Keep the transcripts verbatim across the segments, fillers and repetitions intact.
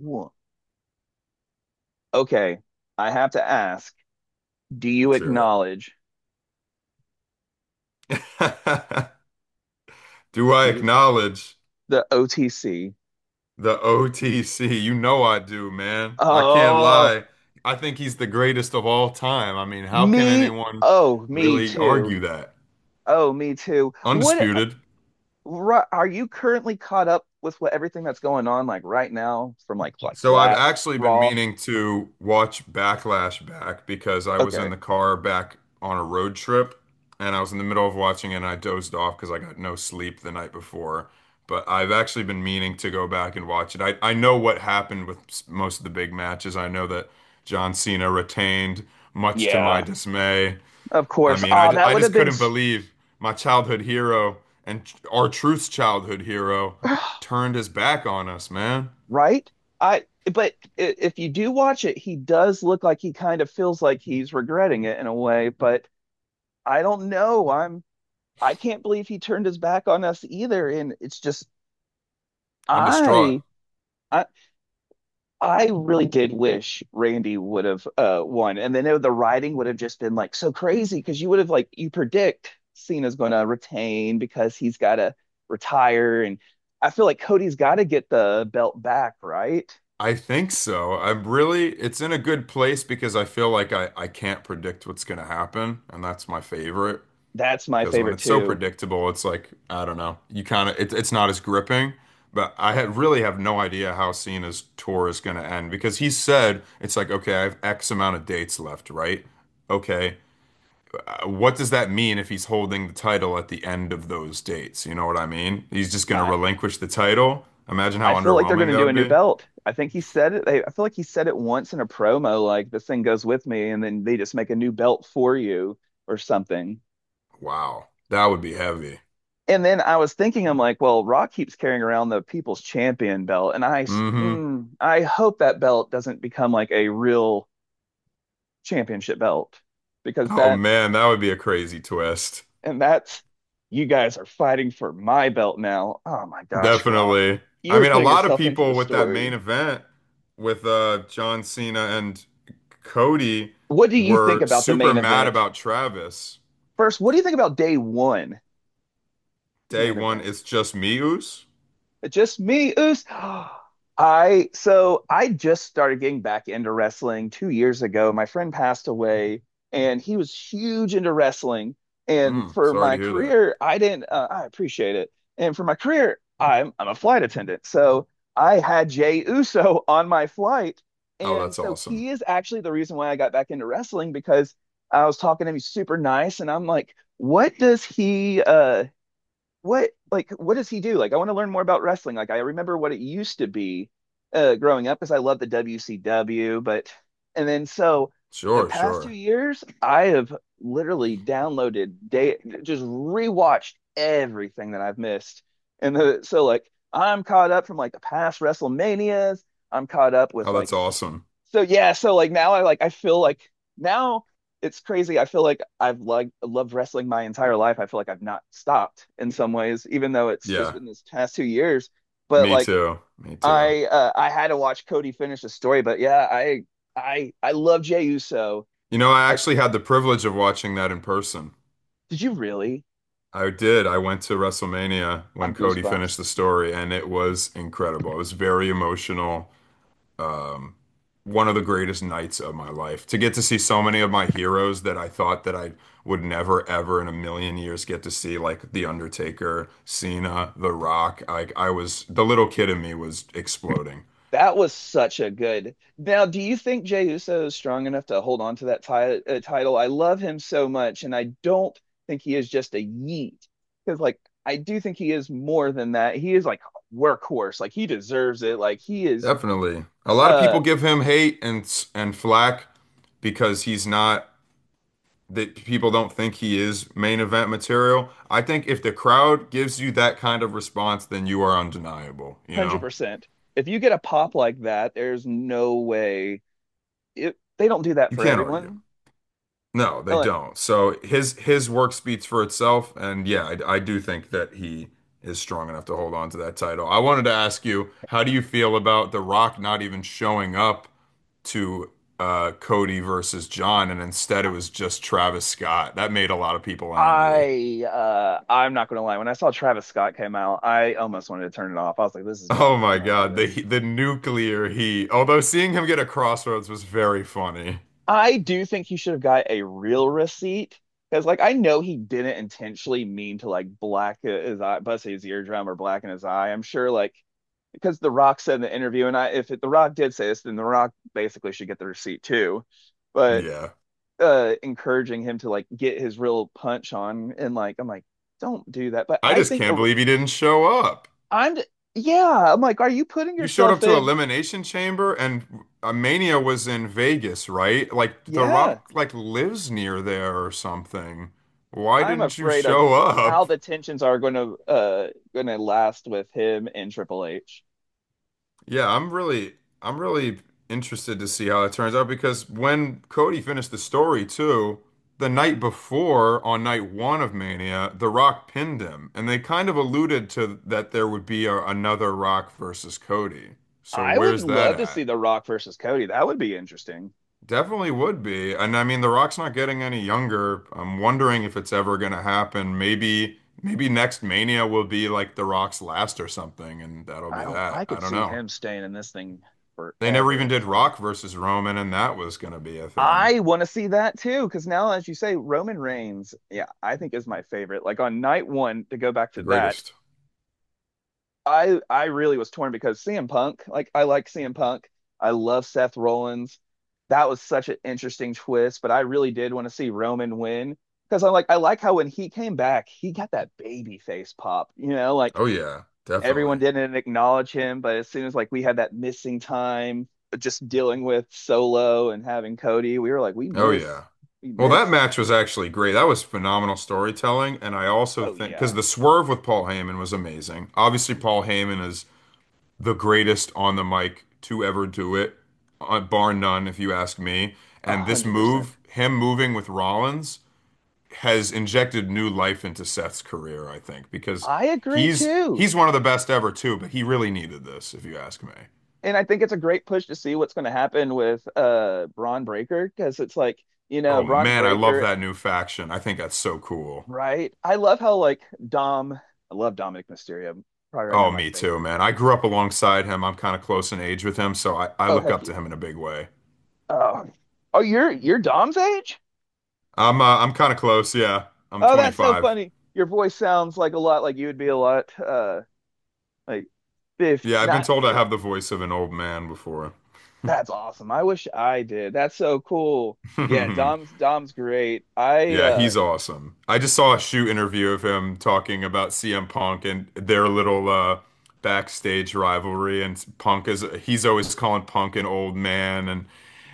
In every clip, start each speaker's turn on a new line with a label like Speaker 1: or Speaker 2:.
Speaker 1: Wha- Okay, I have to ask, do you
Speaker 2: Let's hear
Speaker 1: acknowledge
Speaker 2: it. Do I
Speaker 1: do you
Speaker 2: acknowledge
Speaker 1: the O T C?
Speaker 2: the O T C? You know I do, man. I can't
Speaker 1: Oh,
Speaker 2: lie. I think he's the greatest of all time. I mean, how can
Speaker 1: me.
Speaker 2: anyone
Speaker 1: Oh, me
Speaker 2: really
Speaker 1: too.
Speaker 2: argue that?
Speaker 1: Oh, me too. What
Speaker 2: Undisputed.
Speaker 1: ri- are you currently caught up with what everything that's going on like right now from like like
Speaker 2: So I've
Speaker 1: last
Speaker 2: actually been
Speaker 1: Raw?
Speaker 2: meaning to watch Backlash back because I was in
Speaker 1: Okay.
Speaker 2: the car back on a road trip and I was in the middle of watching it and I dozed off because I got no sleep the night before. But I've actually been meaning to go back and watch it. I, I know what happened with s- most of the big matches. I know that John Cena retained, much to my
Speaker 1: Yeah,
Speaker 2: dismay.
Speaker 1: of
Speaker 2: I
Speaker 1: course.
Speaker 2: mean, I,
Speaker 1: Oh,
Speaker 2: ju-
Speaker 1: that
Speaker 2: I
Speaker 1: would
Speaker 2: just
Speaker 1: have been
Speaker 2: couldn't
Speaker 1: s-
Speaker 2: believe my childhood hero and our truth's childhood hero turned his back on us, man.
Speaker 1: right? I but i- if you do watch it, he does look like he kind of feels like he's regretting it in a way, but I don't know. I'm I can't believe he turned his back on us either. And it's just
Speaker 2: I'm distraught.
Speaker 1: I I I really did wish Randy would have uh won. And then it- the writing would have just been like so crazy because you would have like you predict Cena's gonna retain because he's gotta retire. And I feel like Cody's gotta get the belt back, right?
Speaker 2: I think so. I'm really, it's in a good place because I feel like I, I can't predict what's going to happen, and that's my favorite.
Speaker 1: That's my
Speaker 2: Because when
Speaker 1: favorite
Speaker 2: it's so
Speaker 1: too.
Speaker 2: predictable, it's like, I don't know, you kind of, it, it's not as gripping. But I had, really have no idea how Cena's tour is going to end because he said, it's like, okay, I have X amount of dates left, right? Okay. uh, What does that mean if he's holding the title at the end of those dates? You know what I mean? He's just going to
Speaker 1: My
Speaker 2: relinquish the title. Imagine how
Speaker 1: I feel like they're
Speaker 2: underwhelming
Speaker 1: going to
Speaker 2: that
Speaker 1: do a
Speaker 2: would
Speaker 1: new
Speaker 2: be.
Speaker 1: belt. I think he said it. They, I feel like he said it once in a promo, like this thing goes with me, and then they just make a new belt for you or something.
Speaker 2: Wow. That would be heavy.
Speaker 1: And then I was thinking, I'm like, well, Rock keeps carrying around the People's Champion belt, and I,
Speaker 2: Hmm.
Speaker 1: mm, I hope that belt doesn't become like a real championship belt because
Speaker 2: Oh
Speaker 1: that,
Speaker 2: man, that would be a crazy twist.
Speaker 1: and that's, you guys are fighting for my belt now. Oh my gosh, Rock,
Speaker 2: Definitely. I
Speaker 1: you're
Speaker 2: mean, a
Speaker 1: putting
Speaker 2: lot of
Speaker 1: yourself into the
Speaker 2: people with that main
Speaker 1: story.
Speaker 2: event with uh John Cena and Cody
Speaker 1: What do you think
Speaker 2: were
Speaker 1: about the
Speaker 2: super
Speaker 1: main
Speaker 2: mad
Speaker 1: event?
Speaker 2: about Travis.
Speaker 1: First, what do you think about day one, this
Speaker 2: Day
Speaker 1: main
Speaker 2: one,
Speaker 1: event?
Speaker 2: it's just me, Oos.
Speaker 1: Just me, Oos. I so I just started getting back into wrestling two years ago. My friend passed away, and he was huge into wrestling. And
Speaker 2: Mm,
Speaker 1: for
Speaker 2: sorry to
Speaker 1: my
Speaker 2: hear that.
Speaker 1: career, I didn't. Uh, I appreciate it. And for my career, I'm I'm a flight attendant, so I had Jay Uso on my flight,
Speaker 2: Oh,
Speaker 1: and
Speaker 2: that's
Speaker 1: so
Speaker 2: awesome.
Speaker 1: he is actually the reason why I got back into wrestling because I was talking to him. He's super nice, and I'm like, what does he? Uh, what like what does he do? Like I want to learn more about wrestling. Like I remember what it used to be uh growing up because I love the W C W, but and then so the
Speaker 2: Sure,
Speaker 1: past two
Speaker 2: sure.
Speaker 1: years I have literally downloaded day just rewatched everything that I've missed. And the, so like I'm caught up from like the past WrestleManias. I'm caught up with
Speaker 2: Oh,
Speaker 1: like
Speaker 2: that's awesome.
Speaker 1: so yeah, so like now I like I feel like now it's crazy. I feel like I've like loved wrestling my entire life. I feel like I've not stopped in some ways, even though it's just
Speaker 2: Yeah,
Speaker 1: been this past two years. But
Speaker 2: me
Speaker 1: like
Speaker 2: too. Me too.
Speaker 1: I uh, I had to watch Cody finish the story. But yeah, I I I love Jey Uso.
Speaker 2: You know, I
Speaker 1: I
Speaker 2: actually had the privilege of watching that in person.
Speaker 1: did you really?
Speaker 2: I did. I went to WrestleMania when
Speaker 1: I'm
Speaker 2: Cody
Speaker 1: goosebumps.
Speaker 2: finished the story, and it was incredible. It was very emotional. Um, One of the greatest nights of my life. To get to see so many of my heroes that I thought that I would never, ever in a million years get to see, like The Undertaker, Cena, The Rock. Like I was, the little kid in me was exploding.
Speaker 1: That was such a good. Now, do you think Jey Uso is strong enough to hold on to that ti uh, title? I love him so much, and I don't think he is just a yeet. Because, like, I do think he is more than that. He is like workhorse. Like, he deserves it. Like, he is
Speaker 2: Definitely. A lot of
Speaker 1: uh
Speaker 2: people give him hate and and flack because he's not that people don't think he is main event material. I think if the crowd gives you that kind of response, then you are undeniable, you know?
Speaker 1: one hundred percent. If you get a pop like that, there's no way it, they don't do that
Speaker 2: You
Speaker 1: for
Speaker 2: can't argue.
Speaker 1: everyone.
Speaker 2: No,
Speaker 1: Uh,
Speaker 2: they
Speaker 1: Like,
Speaker 2: don't. So his his work speaks for itself, and yeah, I, I do think that he is strong enough to hold on to that title. I wanted to ask you, how do you feel about The Rock not even showing up to uh, Cody versus John, and instead it was just Travis Scott? That made a lot of people angry.
Speaker 1: I uh I'm not gonna lie. When I saw Travis Scott came out, I almost wanted to turn it off. I was like, this is
Speaker 2: Oh
Speaker 1: dumb.
Speaker 2: my
Speaker 1: I'm over
Speaker 2: God, the
Speaker 1: this.
Speaker 2: he- the nuclear heat. Although seeing him get a crossroads was very funny.
Speaker 1: I do think he should have got a real receipt because, like, I know he didn't intentionally mean to like black his eye, bust his eardrum or blacken his eye. I'm sure, like, because The Rock said in the interview, and I, if it, The Rock did say this, then The Rock basically should get the receipt too. But
Speaker 2: Yeah.
Speaker 1: uh, encouraging him to like get his real punch on, and like, I'm like, don't do that. But
Speaker 2: I
Speaker 1: I
Speaker 2: just
Speaker 1: think
Speaker 2: can't
Speaker 1: the
Speaker 2: believe he didn't show up.
Speaker 1: I'm, yeah, I'm like, are you putting
Speaker 2: You showed up
Speaker 1: yourself
Speaker 2: to
Speaker 1: in?
Speaker 2: Elimination Chamber and uh, Mania was in Vegas, right? Like The
Speaker 1: Yeah,
Speaker 2: Rock like lives near there or something. Why
Speaker 1: I'm
Speaker 2: didn't you
Speaker 1: afraid of
Speaker 2: show
Speaker 1: how
Speaker 2: up?
Speaker 1: the tensions are going to uh going to last with him and Triple H.
Speaker 2: Yeah, I'm really I'm really interested to see how it turns out because when Cody finished the story too, the night before on night one of Mania, The Rock pinned him, and they kind of alluded to that there would be a, another Rock versus Cody. So
Speaker 1: I would
Speaker 2: where's that
Speaker 1: love to see
Speaker 2: at?
Speaker 1: The Rock versus Cody. That would be interesting.
Speaker 2: Definitely would be. And I mean, The Rock's not getting any younger. I'm wondering if it's ever gonna happen. Maybe maybe next Mania will be like The Rock's last or something, and that'll
Speaker 1: I
Speaker 2: be
Speaker 1: don't. I
Speaker 2: that. I
Speaker 1: could
Speaker 2: don't
Speaker 1: see
Speaker 2: know.
Speaker 1: him staying in this thing
Speaker 2: They never
Speaker 1: forever
Speaker 2: even
Speaker 1: in
Speaker 2: did
Speaker 1: some ways.
Speaker 2: Rock versus Roman, and that was going to be a thing.
Speaker 1: I want to see that too because now, as you say, Roman Reigns. Yeah, I think is my favorite. Like on night one, to go back
Speaker 2: The
Speaker 1: to that,
Speaker 2: greatest.
Speaker 1: I I really was torn because C M Punk, like I like C M Punk. I love Seth Rollins. That was such an interesting twist, but I really did want to see Roman win because I'm like I like how when he came back, he got that baby face pop, you know, like
Speaker 2: Oh, yeah,
Speaker 1: everyone
Speaker 2: definitely.
Speaker 1: didn't acknowledge him, but as soon as like we had that missing time uh, just dealing with Solo and having Cody, we were like we
Speaker 2: Oh,
Speaker 1: miss
Speaker 2: yeah.
Speaker 1: we
Speaker 2: Well, that
Speaker 1: miss.
Speaker 2: match was actually great. That was phenomenal storytelling. And I also
Speaker 1: Oh
Speaker 2: think,
Speaker 1: yeah.
Speaker 2: because the swerve with Paul Heyman was amazing. Obviously, Paul Heyman is the greatest on the mic to ever do it, uh, bar none, if you ask me.
Speaker 1: A
Speaker 2: And this
Speaker 1: hundred percent.
Speaker 2: move, him moving with Rollins, has injected new life into Seth's career, I think, because
Speaker 1: I agree
Speaker 2: he's
Speaker 1: too.
Speaker 2: he's one of the best ever too, but he really needed this, if you ask me.
Speaker 1: And I think it's a great push to see what's going to happen with uh Bron Breaker because it's like you know
Speaker 2: Oh
Speaker 1: Bron
Speaker 2: man, I love
Speaker 1: Breaker,
Speaker 2: that new faction. I think that's so cool.
Speaker 1: right? I love how like Dom, I love Dominic Mysterio, probably right now
Speaker 2: Oh,
Speaker 1: my
Speaker 2: me too,
Speaker 1: favorite.
Speaker 2: man. I grew up alongside him. I'm kind of close in age with him, so I, I
Speaker 1: Oh
Speaker 2: look
Speaker 1: heck
Speaker 2: up
Speaker 1: yeah!
Speaker 2: to him in a big way.
Speaker 1: Oh, oh you're you're Dom's age?
Speaker 2: I'm uh, I'm kind of close, yeah. I'm
Speaker 1: Oh, that's so
Speaker 2: twenty-five.
Speaker 1: funny. Your voice sounds like a lot like you would be a lot uh like fifty
Speaker 2: Yeah, I've been
Speaker 1: not
Speaker 2: told I
Speaker 1: fifth.
Speaker 2: have the voice of an old man before.
Speaker 1: That's awesome. I wish I did. That's so cool. Yeah, Dom's Dom's great. I
Speaker 2: Yeah,
Speaker 1: uh
Speaker 2: he's awesome. I just saw a shoot interview of him talking about C M Punk and their little uh backstage rivalry and Punk is he's always calling Punk an old man and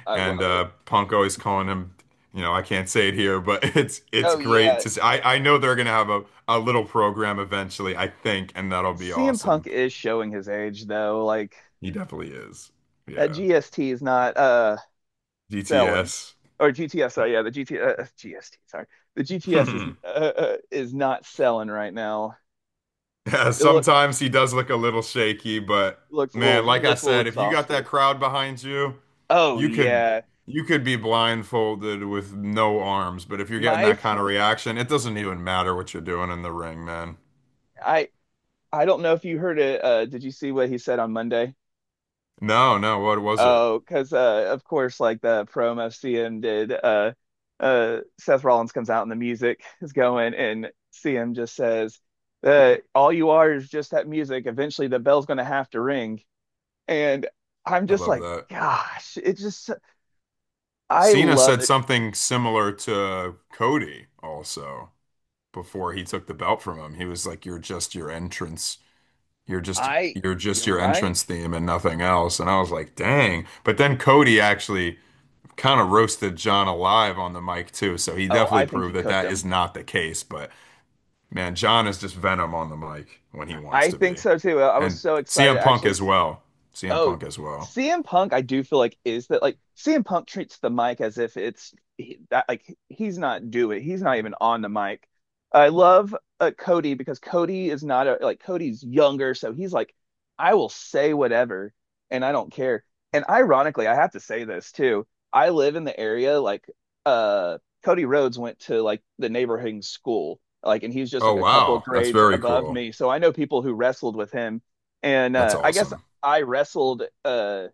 Speaker 1: I
Speaker 2: and
Speaker 1: love it.
Speaker 2: uh Punk always calling him, you know, I can't say it here, but it's it's
Speaker 1: Oh
Speaker 2: great
Speaker 1: yeah,
Speaker 2: to see. I I know they're gonna have a a little program eventually, I think, and that'll be
Speaker 1: C M Punk
Speaker 2: awesome.
Speaker 1: is showing his age though. Like
Speaker 2: He definitely is.
Speaker 1: that
Speaker 2: Yeah.
Speaker 1: G S T is not uh selling,
Speaker 2: D T S.
Speaker 1: or GTS. Sorry, yeah, the GT uh, GST. Sorry, the G T S is uh, uh, is not selling right now.
Speaker 2: Yeah,
Speaker 1: It look
Speaker 2: sometimes he does look a little shaky, but
Speaker 1: looks a little.
Speaker 2: man,
Speaker 1: He
Speaker 2: like I
Speaker 1: looks a little
Speaker 2: said, if you got that
Speaker 1: exhausted.
Speaker 2: crowd behind you,
Speaker 1: Oh
Speaker 2: you could
Speaker 1: yeah,
Speaker 2: you could be blindfolded with no arms, but if you're getting
Speaker 1: my.
Speaker 2: that kind of reaction, it doesn't even matter what you're doing in the ring, man.
Speaker 1: I I I I don't know if you heard it. Uh, did you see what he said on Monday?
Speaker 2: No, no, what was it?
Speaker 1: Oh, because uh, of course, like the promo C M did, uh, uh, Seth Rollins comes out and the music is going, and C M just says, uh, "All you are is just that music. Eventually, the bell's going to have to ring." And I'm
Speaker 2: I
Speaker 1: just
Speaker 2: love
Speaker 1: like,
Speaker 2: that.
Speaker 1: "Gosh, it just I
Speaker 2: Cena
Speaker 1: love
Speaker 2: said
Speaker 1: it.
Speaker 2: something similar to Cody also before he took the belt from him. He was like, "You're just your entrance. You're just
Speaker 1: I
Speaker 2: you're just
Speaker 1: you're
Speaker 2: your
Speaker 1: right.
Speaker 2: entrance theme and nothing else." And I was like, "Dang." But then Cody actually kind of roasted John alive on the mic too. So he
Speaker 1: Oh,
Speaker 2: definitely
Speaker 1: I think
Speaker 2: proved
Speaker 1: he
Speaker 2: that
Speaker 1: cooked
Speaker 2: that is
Speaker 1: him.
Speaker 2: not the case. But man, John is just venom on the mic when he wants
Speaker 1: I
Speaker 2: to
Speaker 1: think
Speaker 2: be,
Speaker 1: so too. I was
Speaker 2: and
Speaker 1: so excited.
Speaker 2: C M Punk
Speaker 1: Actually,
Speaker 2: as well. C M
Speaker 1: Oh,
Speaker 2: Punk as well.
Speaker 1: C M Punk, I do feel like is that like C M Punk treats the mic as if it's he- that like he's not doing, he's not even on the mic. I love uh, Cody because Cody is not a like Cody's younger, so he's like, I will say whatever and I don't care. And ironically, I have to say this too. I live in the area like uh Cody Rhodes went to like the neighboring school, like, and he's just
Speaker 2: Oh
Speaker 1: like a couple of
Speaker 2: wow, that's
Speaker 1: grades
Speaker 2: very
Speaker 1: above
Speaker 2: cool.
Speaker 1: me, so I know people who wrestled with him. And
Speaker 2: That's
Speaker 1: uh, I guess
Speaker 2: awesome.
Speaker 1: I wrestled uh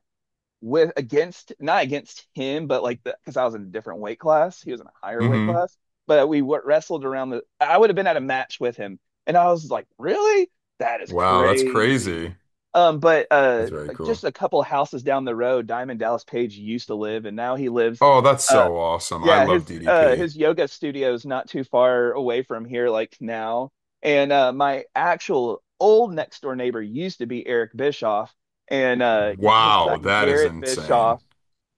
Speaker 1: with against not against him, but like the because I was in a different weight class. He was in a higher weight
Speaker 2: Hmm.
Speaker 1: class, but we wrestled around the. I would have been at a match with him, and I was like, really? That is
Speaker 2: Wow, that's
Speaker 1: crazy.
Speaker 2: crazy.
Speaker 1: Um, but uh,
Speaker 2: That's very
Speaker 1: like,
Speaker 2: cool.
Speaker 1: just a couple houses down the road, Diamond Dallas Page used to live, and now he lives.
Speaker 2: Oh, that's
Speaker 1: uh.
Speaker 2: so awesome. I
Speaker 1: Yeah,
Speaker 2: love
Speaker 1: his uh
Speaker 2: D D P.
Speaker 1: his yoga studio is not too far away from here like now. And uh my actual old next door neighbor used to be Eric Bischoff and uh his son
Speaker 2: Wow, that is
Speaker 1: Garrett
Speaker 2: insane.
Speaker 1: Bischoff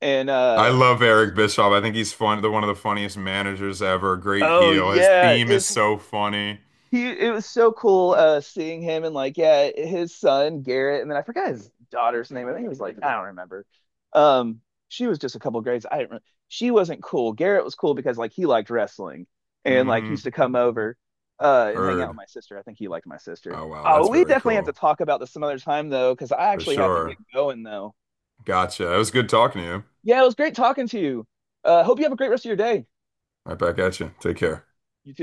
Speaker 1: and
Speaker 2: I
Speaker 1: uh
Speaker 2: love Eric Bischoff. I think he's fun, the one of the funniest managers ever. Great
Speaker 1: oh
Speaker 2: heel. His
Speaker 1: yeah,
Speaker 2: theme is
Speaker 1: it's
Speaker 2: so funny.
Speaker 1: he it was so cool uh seeing him and like yeah his son Garrett, and then I forgot his daughter's name. I think it was like I don't remember, um she was just a couple grades. I didn't re- she wasn't cool. Garrett was cool because like he liked wrestling and like
Speaker 2: Hmm.
Speaker 1: used to come over uh and hang out with
Speaker 2: Heard.
Speaker 1: my sister. I think he liked my sister.
Speaker 2: Oh, wow.
Speaker 1: Oh,
Speaker 2: That's
Speaker 1: we
Speaker 2: very
Speaker 1: definitely have to
Speaker 2: cool.
Speaker 1: talk about this some other time though, because I
Speaker 2: For
Speaker 1: actually have to get
Speaker 2: sure.
Speaker 1: going though.
Speaker 2: Gotcha. It was good talking to you.
Speaker 1: Yeah, it was great talking to you. uh hope you have a great rest of your day.
Speaker 2: Right back at you. Take care.
Speaker 1: You too.